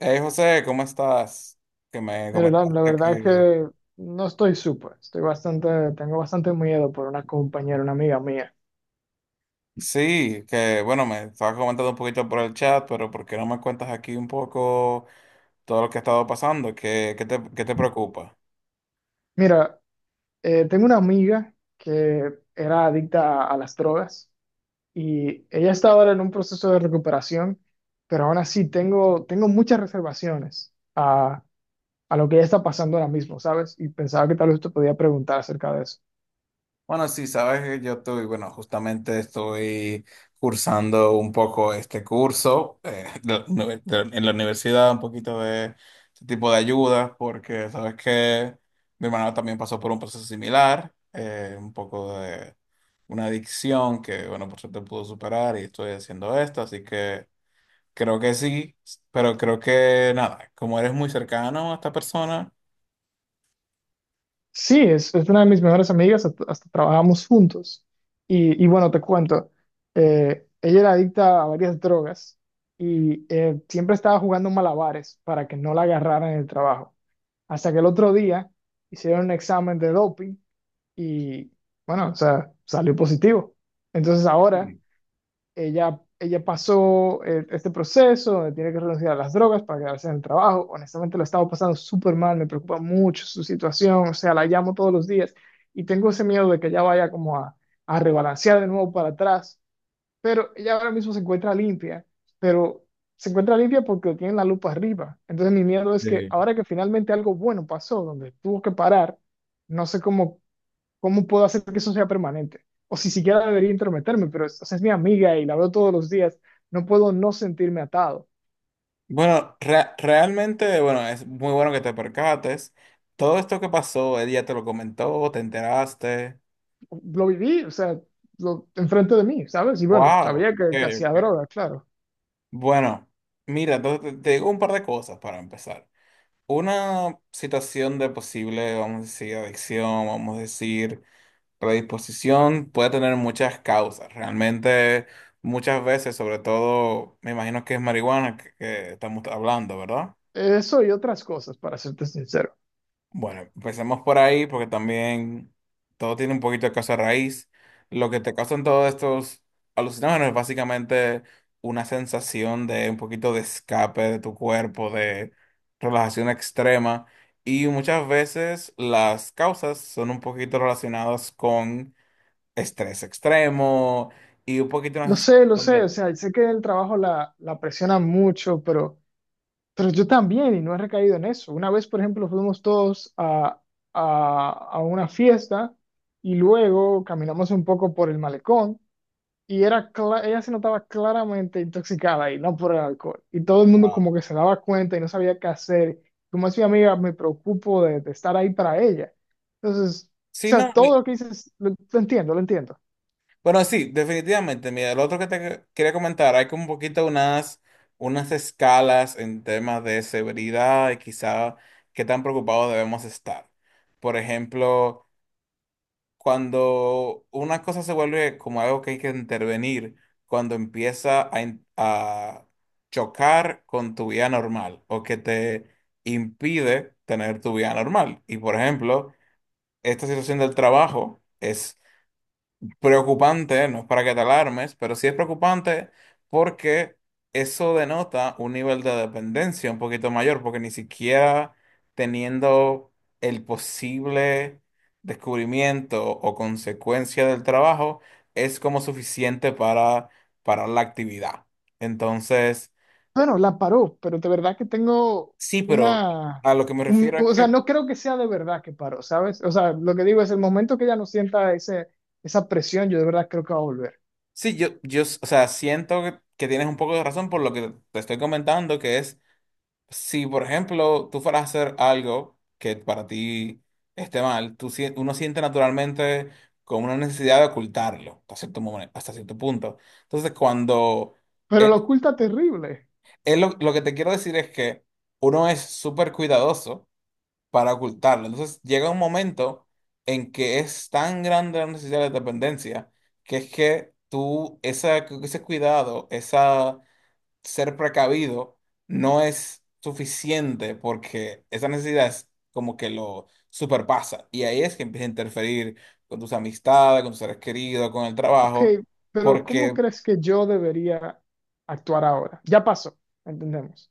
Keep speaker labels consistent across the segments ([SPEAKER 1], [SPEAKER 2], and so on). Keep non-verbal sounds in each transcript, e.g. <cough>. [SPEAKER 1] Hey José, ¿cómo estás? Que me
[SPEAKER 2] Mira, la
[SPEAKER 1] comentaste
[SPEAKER 2] verdad es
[SPEAKER 1] que
[SPEAKER 2] que no estoy súper, estoy bastante, tengo bastante miedo por una compañera, una amiga mía.
[SPEAKER 1] sí, que bueno, me estabas comentando un poquito por el chat, pero ¿por qué no me cuentas aquí un poco todo lo que ha estado pasando? ¿Qué te preocupa?
[SPEAKER 2] Mira, tengo una amiga que era adicta a las drogas y ella está ahora en un proceso de recuperación, pero aún así tengo muchas reservaciones a lo que ella está pasando ahora mismo, ¿sabes? Y pensaba que tal vez te podía preguntar acerca de eso.
[SPEAKER 1] Bueno, sí, sabes que yo estoy, bueno, justamente estoy cursando un poco este curso <laughs> en la universidad, un poquito de este tipo de ayudas, porque sabes que mi hermano también pasó por un proceso similar, un poco de una adicción que, bueno, por suerte pudo superar y estoy haciendo esto, así que creo que sí, pero creo que nada, como eres muy cercano a esta persona.
[SPEAKER 2] Sí, es una de mis mejores amigas, hasta trabajamos juntos. Y bueno, te cuento, ella era adicta a varias drogas y siempre estaba jugando malabares para que no la agarraran en el trabajo. Hasta que el otro día hicieron un examen de doping y bueno, o sea, salió positivo. Entonces ahora ella pasó este proceso donde tiene que renunciar a las drogas para quedarse en el trabajo. Honestamente, lo estaba pasando súper mal, me preocupa mucho su situación, o sea, la llamo todos los días y tengo ese miedo de que ella vaya como a rebalancear de nuevo para atrás. Pero ella ahora mismo se encuentra limpia, pero se encuentra limpia porque tiene la lupa arriba. Entonces mi miedo es que ahora que finalmente algo bueno pasó, donde tuvo que parar, no sé cómo. ¿Cómo puedo hacer que eso sea permanente? O si siquiera debería intrometerme, pero es, o sea, es mi amiga y la veo todos los días, no puedo no sentirme atado.
[SPEAKER 1] Bueno, realmente, bueno, es muy bueno que te percates. Todo esto que pasó, él ya te lo comentó, te enteraste.
[SPEAKER 2] Lo viví, o sea, lo, enfrente de mí, ¿sabes? Y bueno,
[SPEAKER 1] Wow.
[SPEAKER 2] sabía
[SPEAKER 1] Ok,
[SPEAKER 2] que, que hacía
[SPEAKER 1] ok.
[SPEAKER 2] droga, claro.
[SPEAKER 1] Bueno, mira, entonces te digo un par de cosas para empezar. Una situación de posible, vamos a decir, adicción, vamos a decir, predisposición, puede tener muchas causas. Realmente, muchas veces, sobre todo, me imagino que es marihuana que estamos hablando, ¿verdad?
[SPEAKER 2] Eso y otras cosas, para serte sincero.
[SPEAKER 1] Bueno, empecemos por ahí porque también todo tiene un poquito de causa raíz. Lo que te causan todos estos alucinógenos es básicamente una sensación de un poquito de escape de tu cuerpo, de relajación extrema. Y muchas veces las causas son un poquito relacionadas con estrés extremo y un poquito una
[SPEAKER 2] Lo
[SPEAKER 1] sensación
[SPEAKER 2] sé, o
[SPEAKER 1] de
[SPEAKER 2] sea, sé que el trabajo la presiona mucho, pero yo también y no he recaído en eso. Una vez, por ejemplo, fuimos todos a una fiesta y luego caminamos un poco por el malecón y era ella se notaba claramente intoxicada y no por el alcohol. Y todo el mundo como que se daba cuenta y no sabía qué hacer. Como es mi amiga, me preocupo de estar ahí para ella. Entonces, o
[SPEAKER 1] si
[SPEAKER 2] sea,
[SPEAKER 1] no,
[SPEAKER 2] todo lo que dices, lo entiendo, lo entiendo.
[SPEAKER 1] bueno, sí, definitivamente. Mira, lo otro que te quería comentar, hay como un poquito unas escalas en temas de severidad y quizá qué tan preocupados debemos estar. Por ejemplo, cuando una cosa se vuelve como algo que hay que intervenir, cuando empieza a chocar con tu vida normal o que te impide tener tu vida normal. Y por ejemplo, esta situación del trabajo es preocupante, no es para que te alarmes, pero sí es preocupante porque eso denota un nivel de dependencia un poquito mayor, porque ni siquiera teniendo el posible descubrimiento o consecuencia del trabajo es como suficiente para parar la actividad. Entonces,
[SPEAKER 2] Bueno, la paró, pero de verdad que tengo
[SPEAKER 1] sí, pero
[SPEAKER 2] una...
[SPEAKER 1] a lo que me refiero es
[SPEAKER 2] O sea,
[SPEAKER 1] que
[SPEAKER 2] no creo que sea de verdad que paró, ¿sabes? O sea, lo que digo es, el momento que ella no sienta esa presión, yo de verdad creo que va a volver.
[SPEAKER 1] sí, yo, o sea, siento que tienes un poco de razón por lo que te estoy comentando, que es si, por ejemplo, tú fueras a hacer algo que para ti esté mal, tú, uno siente naturalmente como una necesidad de ocultarlo hasta cierto hasta cierto punto. Entonces, cuando
[SPEAKER 2] Pero
[SPEAKER 1] es,
[SPEAKER 2] lo oculta terrible.
[SPEAKER 1] lo que te quiero decir es que uno es súper cuidadoso para ocultarlo. Entonces, llega un momento en que es tan grande la necesidad de dependencia que es que tú, esa, ese cuidado, ser precavido no es suficiente porque esa necesidad es como que lo superpasa. Y ahí es que empieza a interferir con tus amistades, con tus seres queridos, con el
[SPEAKER 2] Ok,
[SPEAKER 1] trabajo,
[SPEAKER 2] pero ¿cómo
[SPEAKER 1] porque,
[SPEAKER 2] crees que yo debería actuar ahora? Ya pasó, entendemos.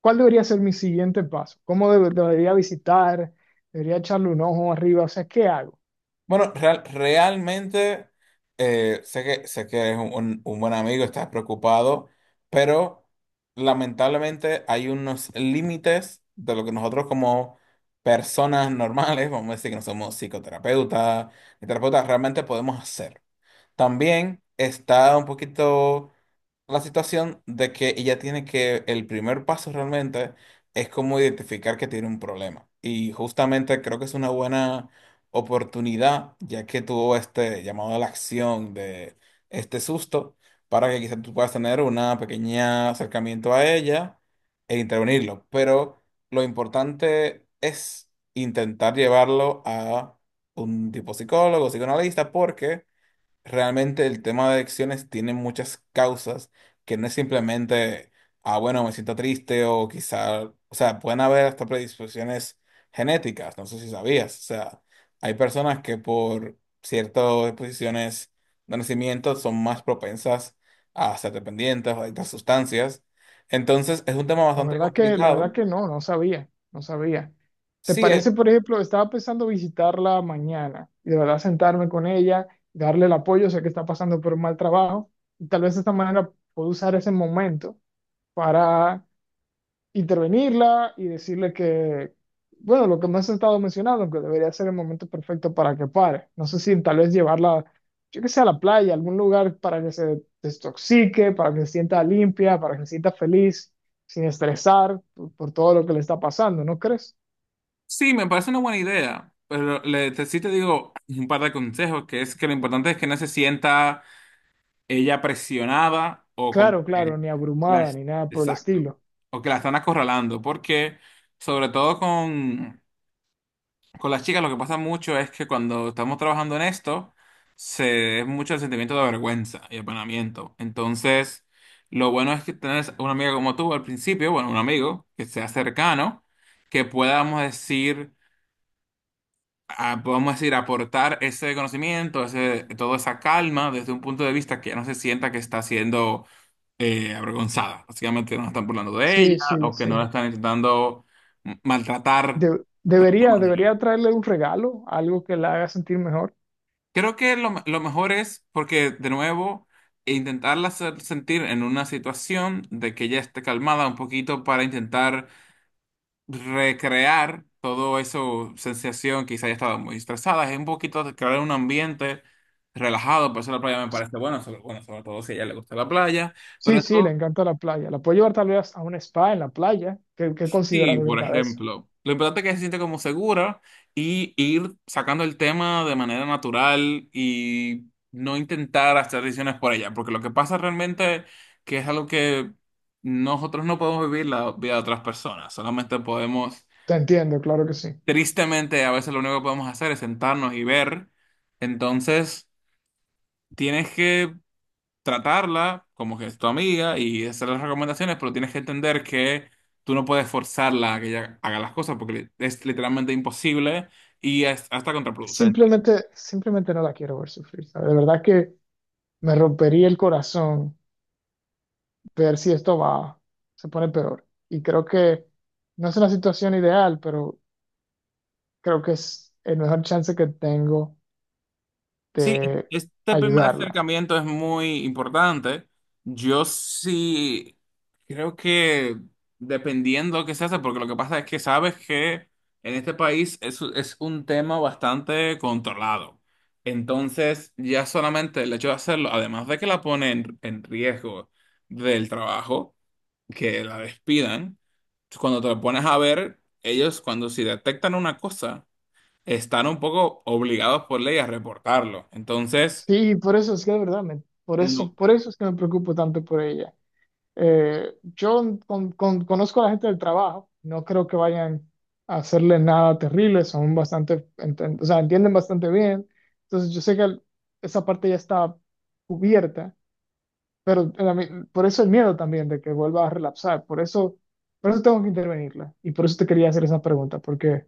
[SPEAKER 2] ¿Cuál debería ser mi siguiente paso? ¿Cómo debería visitar? ¿Debería echarle un ojo arriba? O sea, ¿qué hago?
[SPEAKER 1] bueno, realmente sé que eres un, un buen amigo, estás preocupado, pero lamentablemente hay unos límites de lo que nosotros como personas normales, vamos a decir que no somos psicoterapeutas, ni terapeutas realmente podemos hacer. También está un poquito la situación de que ella tiene que, el primer paso realmente es como identificar que tiene un problema. Y justamente creo que es una buena oportunidad, ya que tuvo este llamado a la acción de este susto, para que quizás tú puedas tener una pequeña acercamiento a ella e intervenirlo. Pero lo importante es intentar llevarlo a un tipo psicólogo, psicoanalista, porque realmente el tema de adicciones tiene muchas causas que no es simplemente, ah, bueno, me siento triste o quizá, o sea, pueden haber hasta predisposiciones genéticas, no sé si sabías, o sea, hay personas que por ciertas disposiciones de nacimiento son más propensas a ser dependientes o adictas a sustancias. Entonces, es un tema bastante
[SPEAKER 2] La verdad
[SPEAKER 1] complicado.
[SPEAKER 2] que no, no sabía, no sabía. ¿Te
[SPEAKER 1] Sí, es
[SPEAKER 2] parece? Por ejemplo, estaba pensando visitarla mañana y de verdad sentarme con ella, darle el apoyo, sé que está pasando por un mal trabajo y tal vez de esta manera puedo usar ese momento para intervenirla y decirle que, bueno, lo que me has estado mencionando, que debería ser el momento perfecto para que pare. No sé si tal vez llevarla, yo que sé, a la playa, a algún lugar para que se desintoxique, para que se sienta limpia, para que se sienta feliz, sin estresar por todo lo que le está pasando, ¿no crees?
[SPEAKER 1] sí, me parece una buena idea, pero le, sí te digo un par de consejos, que es que lo importante es que no se sienta ella presionaba o como
[SPEAKER 2] Claro,
[SPEAKER 1] que
[SPEAKER 2] claro, ni abrumada,
[SPEAKER 1] las
[SPEAKER 2] ni nada por el
[SPEAKER 1] exacto.
[SPEAKER 2] estilo.
[SPEAKER 1] O que la están acorralando, porque sobre todo con las chicas lo que pasa mucho es que cuando estamos trabajando en esto, se es mucho el sentimiento de vergüenza y apanamiento. Entonces, lo bueno es que tenés una amiga como tú al principio, bueno, un amigo que sea cercano, que podamos decir podemos decir, aportar ese conocimiento, ese, toda esa calma desde un punto de vista que ya no se sienta que está haciendo avergonzada. Básicamente no están burlando de ella
[SPEAKER 2] Sí, sí,
[SPEAKER 1] o que no la
[SPEAKER 2] sí.
[SPEAKER 1] están intentando maltratar
[SPEAKER 2] De-
[SPEAKER 1] de alguna
[SPEAKER 2] debería,
[SPEAKER 1] manera.
[SPEAKER 2] debería traerle un regalo, algo que la haga sentir mejor.
[SPEAKER 1] Creo que lo, lo mejor es, porque de nuevo, intentarla hacer sentir en una situación de que ella esté calmada un poquito para intentar recrear todo eso, sensación, quizá haya estado muy estresada, es un poquito de crear un ambiente relajado, por eso la playa me parece bueno, sobre todo si a ella le gusta la playa, pero
[SPEAKER 2] Sí, sí, le
[SPEAKER 1] esto
[SPEAKER 2] encanta la playa. La puedo llevar tal vez a un spa en la playa. ¿Qué, qué consideras
[SPEAKER 1] sí, por
[SPEAKER 2] acerca de eso?
[SPEAKER 1] ejemplo. Lo importante es que se siente como segura y ir sacando el tema de manera natural y no intentar hacer decisiones por ella, porque lo que pasa realmente que es algo que nosotros no podemos vivir la vida de otras personas, solamente podemos,
[SPEAKER 2] Te entiendo, claro que sí.
[SPEAKER 1] tristemente, a veces lo único que podemos hacer es sentarnos y ver. Entonces, tienes que tratarla como que es tu amiga y hacer las recomendaciones, pero tienes que entender que tú no puedes forzarla a que ella haga las cosas porque es literalmente imposible y es hasta contraproducente.
[SPEAKER 2] Simplemente, simplemente no la quiero ver sufrir, ¿sabes? De verdad que me rompería el corazón ver si esto va, se pone peor. Y creo que no es una situación ideal, pero creo que es el mejor chance que tengo
[SPEAKER 1] Sí,
[SPEAKER 2] de
[SPEAKER 1] este primer
[SPEAKER 2] ayudarla.
[SPEAKER 1] acercamiento es muy importante. Yo sí creo que dependiendo qué se hace, porque lo que pasa es que sabes que en este país es un tema bastante controlado. Entonces, ya solamente el hecho de hacerlo, además de que la pone en riesgo del trabajo, que la despidan, cuando te lo pones a ver, ellos cuando si detectan una cosa están un poco obligados por ley a reportarlo. Entonces,
[SPEAKER 2] Sí, por eso es que de verdad,
[SPEAKER 1] no.
[SPEAKER 2] por eso es que me preocupo tanto por ella. Yo conozco a la gente del trabajo, no creo que vayan a hacerle nada terrible, son bastante, o sea, entienden bastante bien. Entonces yo sé que esa parte ya está cubierta, pero a por eso el miedo también de que vuelva a relapsar, por eso tengo que intervenirla y por eso te quería hacer esa pregunta, porque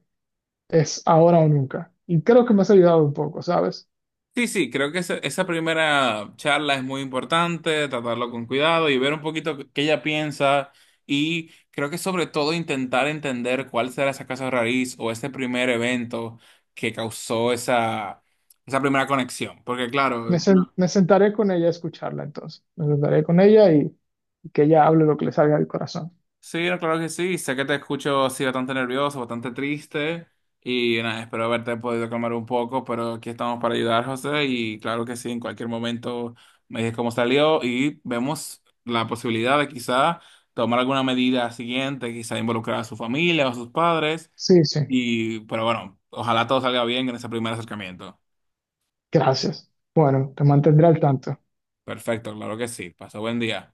[SPEAKER 2] es ahora o nunca. Y creo que me has ayudado un poco, ¿sabes?
[SPEAKER 1] Sí, sí, creo que esa primera charla es muy importante, tratarlo con cuidado y ver un poquito qué ella piensa y creo que sobre todo intentar entender cuál será esa casa raíz o ese primer evento que causó esa, esa primera conexión. Porque claro,
[SPEAKER 2] Me sentaré con ella a escucharla entonces, me sentaré con ella y que ella hable lo que le salga del corazón.
[SPEAKER 1] sí, no, claro que sí. Sé que te escucho así bastante nervioso, bastante triste. Y nada, espero haberte podido calmar un poco, pero aquí estamos para ayudar, José. Y claro que sí, en cualquier momento me dices cómo salió y vemos la posibilidad de quizá tomar alguna medida siguiente, quizá involucrar a su familia o a sus padres.
[SPEAKER 2] Sí, sí.
[SPEAKER 1] Y, pero bueno, ojalá todo salga bien en ese primer acercamiento.
[SPEAKER 2] Gracias. Bueno, te mantendré al tanto.
[SPEAKER 1] Perfecto, claro que sí. Pasó buen día.